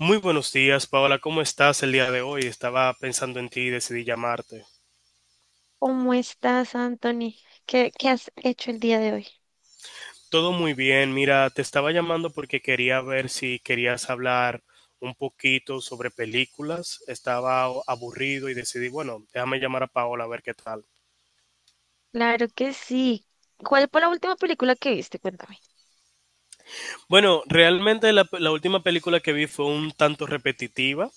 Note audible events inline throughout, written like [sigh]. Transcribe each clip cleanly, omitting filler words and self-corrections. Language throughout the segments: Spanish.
Muy buenos días, Paola. ¿Cómo estás el día de hoy? Estaba pensando en ti y decidí llamarte. ¿Cómo estás, Anthony? ¿Qué has hecho el día de hoy? Todo muy bien. Mira, te estaba llamando porque quería ver si querías hablar un poquito sobre películas. Estaba aburrido y decidí, bueno, déjame llamar a Paola a ver qué tal. Claro que sí. ¿Cuál fue la última película que viste? Cuéntame. Bueno, realmente la última película que vi fue un tanto repetitiva.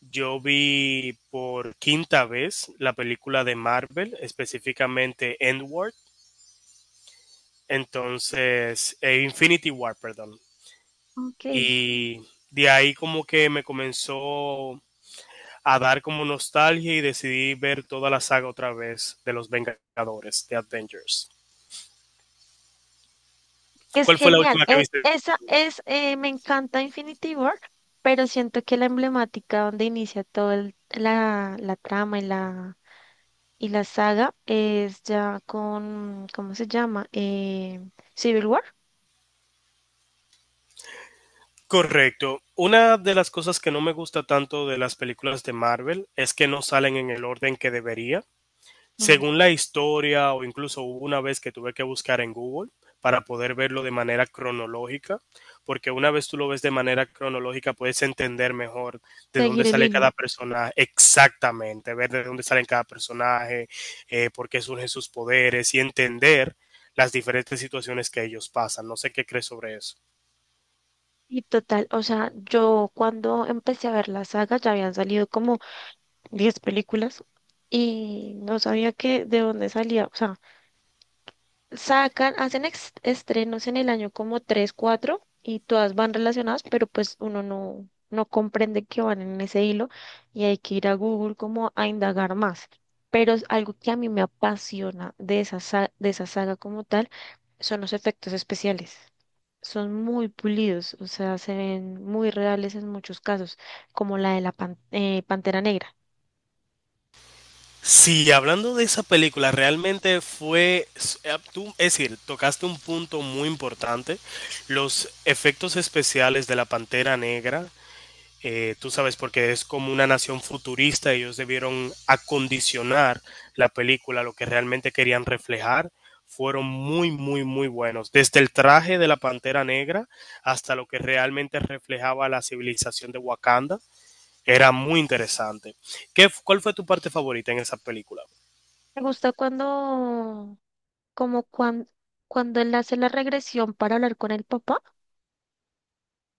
Yo vi por quinta vez la película de Marvel, específicamente Endward. Entonces, Infinity War, perdón. Ok. Y de ahí como que me comenzó a dar como nostalgia y decidí ver toda la saga otra vez de los Vengadores, de Avengers. Es ¿Cuál fue la genial. última que E- viste? esa es, eh, me encanta Infinity War, pero siento que la emblemática donde inicia toda la trama y la saga es ya con, ¿cómo se llama? Civil War. Correcto. Una de las cosas que no me gusta tanto de las películas de Marvel es que no salen en el orden que debería. Mm. Según la historia, o incluso hubo una vez que tuve que buscar en Google para poder verlo de manera cronológica, porque una vez tú lo ves de manera cronológica puedes entender mejor de dónde Seguir el sale hilo. cada personaje exactamente, ver de dónde salen cada personaje, por qué surgen sus poderes y entender las diferentes situaciones que ellos pasan. No sé qué crees sobre eso. Y total, o sea, yo cuando empecé a ver la saga ya habían salido como 10 películas y no sabía que de dónde salía. O sea, sacan, hacen estrenos en el año como 3 4 y todas van relacionadas, pero pues uno no comprende que van en ese hilo y hay que ir a Google como a indagar más. Pero es algo que a mí me apasiona de de esa saga como tal son los efectos especiales. Son muy pulidos, o sea, se ven muy reales en muchos casos, como la de la Pantera Negra. Sí, hablando de esa película, realmente es decir, tocaste un punto muy importante. Los efectos especiales de la Pantera Negra, tú sabes, porque es como una nación futurista, ellos debieron acondicionar la película, lo que realmente querían reflejar, fueron muy, muy, muy buenos. Desde el traje de la Pantera Negra hasta lo que realmente reflejaba la civilización de Wakanda, era muy interesante. Cuál fue tu parte favorita en esa película? Me gusta como cuando, cuando él hace la regresión para hablar con el papá,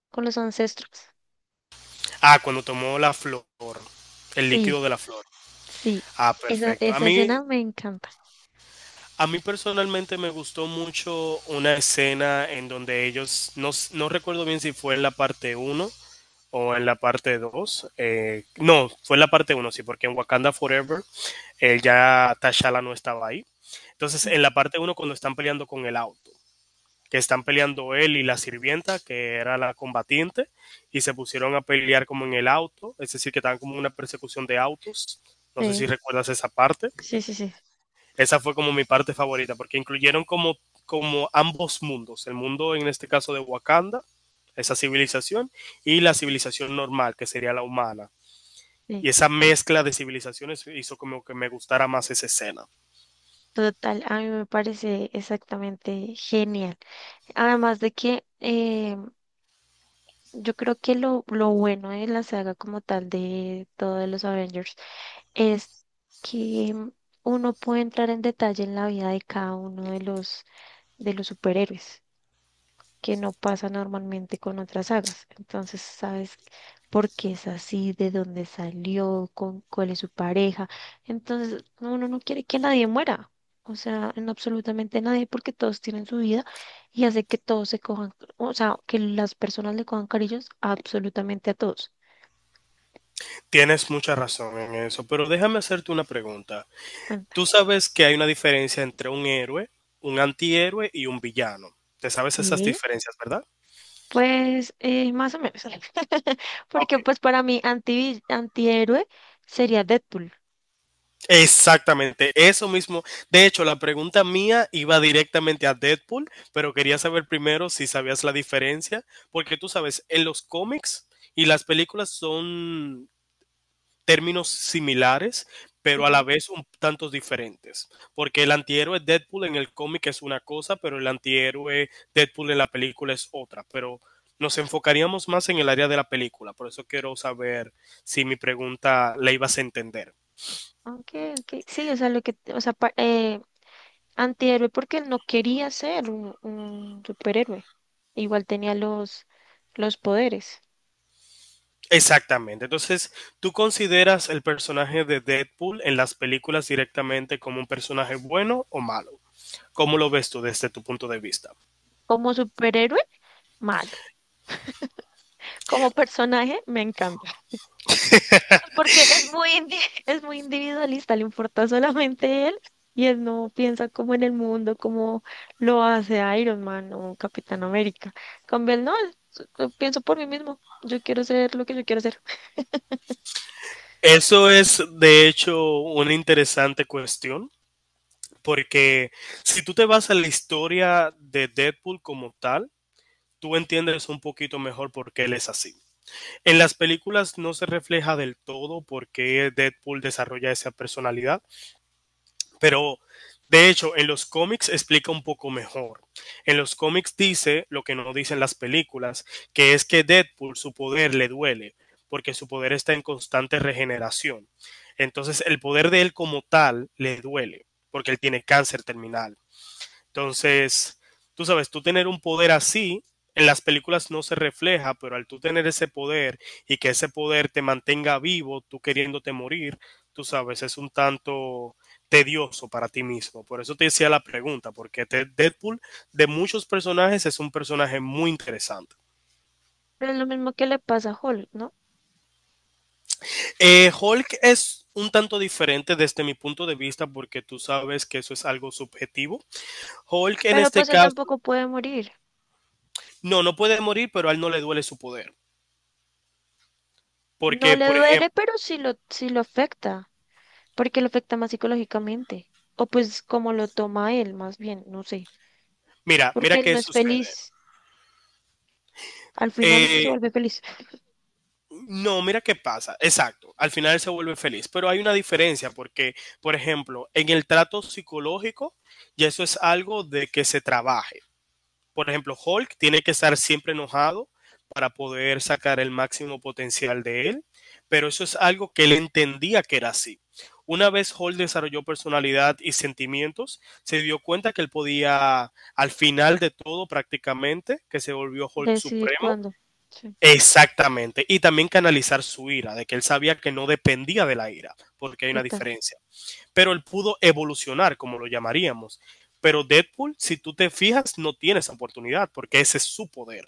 con los ancestros. Ah, cuando tomó la flor, el Sí, líquido de la flor. sí, Ah, esa, perfecto. A esa mí, escena me encanta. a mí personalmente me gustó mucho una escena en donde ellos, no, no recuerdo bien si fue en la parte uno o en la parte 2. No, fue en la parte uno, sí, porque en Wakanda Forever ya T'Challa no estaba ahí. Entonces, en la parte uno, cuando están peleando con el auto, que están peleando él y la sirvienta, que era la combatiente, y se pusieron a pelear como en el auto, es decir, que estaban como en una persecución de autos. No sé si Sí, recuerdas esa parte. sí, sí, sí, sí. Esa fue como mi parte favorita, porque incluyeron como ambos mundos, el mundo en este caso de Wakanda, esa civilización, y la civilización normal, que sería la humana. Y Sí, esa mezcla de civilizaciones hizo como que me gustara más esa escena. total, a mí me parece exactamente genial. Además de que yo creo que lo bueno de la saga como tal de todos los Avengers es que uno puede entrar en detalle en la vida de cada uno de de los superhéroes, que no pasa normalmente con otras sagas. Entonces, sabes por qué es así, de dónde salió, con cuál es su pareja. Entonces, uno no quiere que nadie muera. O sea, en absolutamente nadie, porque todos tienen su vida y hace que todos se cojan, o sea, que las personas le cojan cariños absolutamente a todos. Tienes mucha razón en eso, pero déjame hacerte una pregunta. Tú Cuéntame. sabes que hay una diferencia entre un héroe, un antihéroe y un villano. ¿Te sabes esas Sí. diferencias, verdad? Pues más o menos. [laughs] Ah, ok, Porque pues para mí antihéroe sería Deadpool. exactamente, eso mismo. De hecho, la pregunta mía iba directamente a Deadpool, pero quería saber primero si sabías la diferencia, porque tú sabes, en los cómics y las películas son términos similares, pero a la Sí. vez un tantos diferentes. Porque el antihéroe Deadpool en el cómic es una cosa, pero el antihéroe Deadpool en la película es otra. Pero nos enfocaríamos más en el área de la película. Por eso quiero saber si mi pregunta la ibas a entender. Okay, okay. Sí, o sea, lo que, o sea, pa- antihéroe porque él no quería ser un superhéroe. Igual tenía los poderes. Exactamente. Entonces, ¿tú consideras el personaje de Deadpool en las películas directamente como un personaje bueno o malo? ¿Cómo lo ves tú desde tu punto de vista? Como superhéroe, malo. Como personaje, me encanta. Pues porque es [laughs] es muy individualista, le importa solamente él y él no piensa como en el mundo, como lo hace Iron Man o Capitán América. Con él no, él, yo pienso por mí mismo. Yo quiero ser lo que yo quiero ser. Eso es, de hecho, una interesante cuestión. Porque si tú te vas a la historia de Deadpool como tal, tú entiendes un poquito mejor por qué él es así. En las películas no se refleja del todo por qué Deadpool desarrolla esa personalidad, pero de hecho en los cómics explica un poco mejor. En los cómics dice lo que no dicen las películas, que es que Deadpool, su poder le duele, porque su poder está en constante regeneración. Entonces el poder de él como tal le duele, porque él tiene cáncer terminal. Entonces, tú sabes, tú tener un poder así, en las películas no se refleja, pero al tú tener ese poder y que ese poder te mantenga vivo, tú queriéndote morir, tú sabes, es un tanto tedioso para ti mismo. Por eso te decía la pregunta, porque te Deadpool de muchos personajes es un personaje muy interesante. Pero es lo mismo que le pasa a Hulk, ¿no? Hulk es un tanto diferente desde mi punto de vista, porque tú sabes que eso es algo subjetivo. Hulk, en Pero este pues él caso, tampoco puede morir. no, no puede morir, pero a él no le duele su poder. No Porque, le por duele, ejemplo, pero sí lo afecta, porque lo afecta más psicológicamente. O pues como lo toma él, más bien, no sé. mira, mira Porque él no qué es sucede. feliz. Al final es que se Eh, vuelve feliz. [laughs] no, mira qué pasa. Exacto. Al final se vuelve feliz. Pero hay una diferencia porque, por ejemplo, en el trato psicológico, ya eso es algo de que se trabaje. Por ejemplo, Hulk tiene que estar siempre enojado para poder sacar el máximo potencial de él, pero eso es algo que él entendía que era así. Una vez Hulk desarrolló personalidad y sentimientos, se dio cuenta que él podía, al final de todo prácticamente, que se volvió Hulk Decidir Supremo, cuándo. Sí, exactamente, y también canalizar su ira, de que él sabía que no dependía de la ira, porque hay una total. diferencia, pero él pudo evolucionar, como lo llamaríamos. Pero Deadpool, si tú te fijas, no tiene esa oportunidad, porque ese es su poder.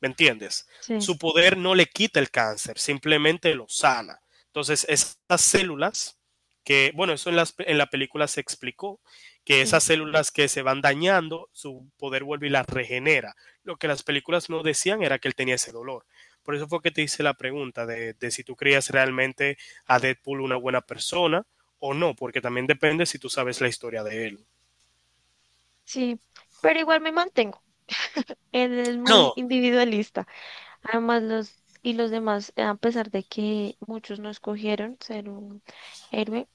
¿Me entiendes? Sí, Su poder no le quita el cáncer, simplemente lo sana. Entonces, esas células que, bueno, en la película se explicó, que sí, esas células que se van dañando, su poder vuelve y las regenera. Lo que las películas no decían era que él tenía ese dolor. Por eso fue que te hice la pregunta de, si tú creías realmente a Deadpool una buena persona o no, porque también depende si tú sabes la historia de él. sí. Pero igual me mantengo. Él es muy No, individualista. Además, los demás, a pesar de que muchos no escogieron ser un héroe,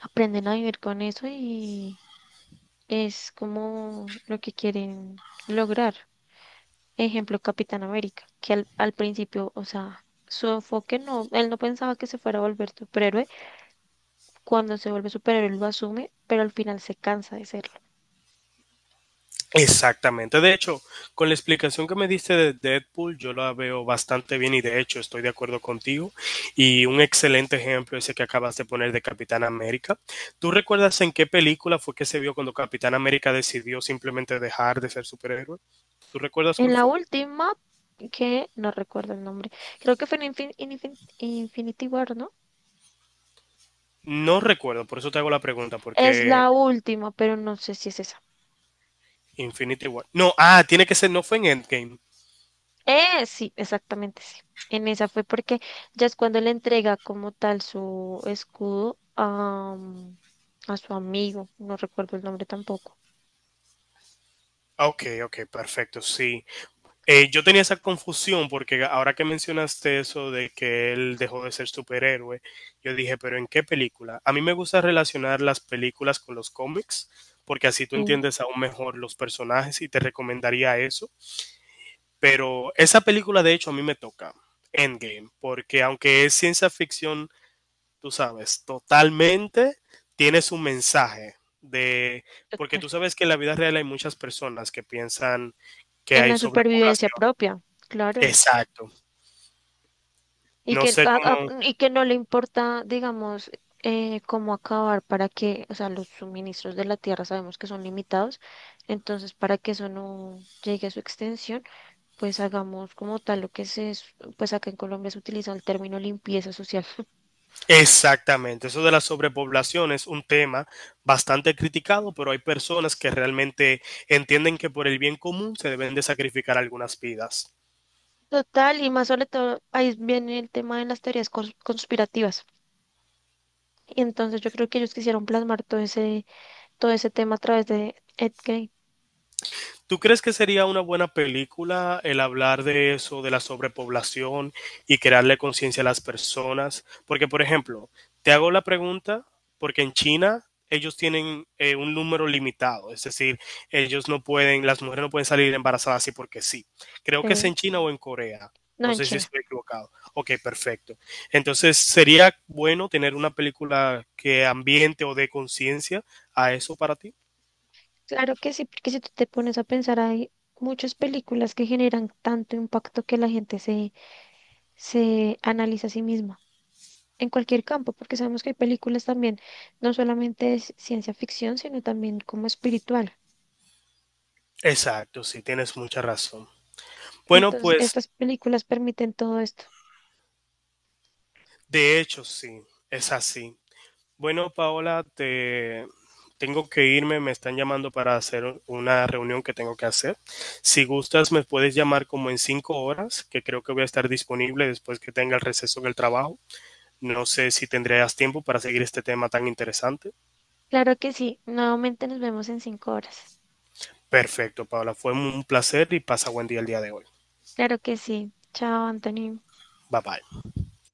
aprenden a vivir con eso y es como lo que quieren lograr. Ejemplo, Capitán América, que al principio, o sea, su enfoque no, él no pensaba que se fuera a volver superhéroe. Cuando se vuelve superhéroe lo asume, pero al final se cansa de serlo. exactamente. De hecho, con la explicación que me diste de Deadpool, yo la veo bastante bien y de hecho estoy de acuerdo contigo. Y un excelente ejemplo ese que acabas de poner de Capitán América. ¿Tú recuerdas en qué película fue que se vio cuando Capitán América decidió simplemente dejar de ser superhéroe? ¿Tú recuerdas En cuál la fue? última, que no recuerdo el nombre, creo que fue en Infinity War, ¿no? No recuerdo, por eso te hago la pregunta, Es porque la última, pero no sé si es esa. Infinity War. No, ah, tiene que ser, no fue en Endgame. Sí, exactamente, sí. En esa fue porque ya es cuando le entrega como tal su escudo a, mm, a su amigo, no recuerdo el nombre tampoco. Ok, ok, perfecto, sí. Yo tenía esa confusión porque ahora que mencionaste eso de que él dejó de ser superhéroe, yo dije, pero ¿en qué película? A mí me gusta relacionar las películas con los cómics, porque así tú Mm. entiendes aún mejor los personajes y te recomendaría eso. Pero esa película de hecho a mí me toca, Endgame, porque aunque es ciencia ficción, tú sabes, totalmente tiene su mensaje de... Porque Total. tú sabes que en la vida real hay muchas personas que piensan que En hay la supervivencia sobrepoblación. propia, claro. Exacto. Y No que, sé cómo y que no le importa, digamos, cómo acabar para que, o sea, los suministros de la tierra sabemos que son limitados, entonces para que eso no llegue a su extensión, pues hagamos como tal lo que se, es- pues acá en Colombia se utiliza el término limpieza social. exactamente. Eso de la sobrepoblación es un tema bastante criticado, pero hay personas que realmente entienden que por el bien común se deben de sacrificar algunas vidas. Total, y más sobre todo, ahí viene el tema de las teorías conspirativas. Y entonces yo creo que ellos quisieron plasmar todo todo ese tema a través de Ed Gein. ¿Tú crees que sería una buena película el hablar de eso, de la sobrepoblación y crearle conciencia a las personas? Porque, por ejemplo, te hago la pregunta porque en China ellos tienen un número limitado, es decir, ellos no pueden, las mujeres no pueden salir embarazadas así porque sí. Creo que es Eh, en China o en Corea. no, No en sé si China. estoy equivocado. Ok, perfecto. Entonces, ¿sería bueno tener una película que ambiente o dé conciencia a eso para ti? Claro que sí, porque si tú te pones a pensar, hay muchas películas que generan tanto impacto que la gente se analiza a sí misma en cualquier campo, porque sabemos que hay películas también, no solamente de ciencia ficción, sino también como espiritual. Exacto, sí, tienes mucha razón. Bueno, Entonces, pues estas películas permiten todo esto. de hecho sí, es así. Bueno, Paola, te tengo que irme, me están llamando para hacer una reunión que tengo que hacer. Si gustas, me puedes llamar como en 5 horas, que creo que voy a estar disponible después que tenga el receso del trabajo. No sé si tendrías tiempo para seguir este tema tan interesante. Claro que sí, nuevamente nos vemos en 5 horas. Perfecto, Paola, fue un placer y pasa buen día el día de hoy. Claro que sí. Chao, Anthony. Bye bye.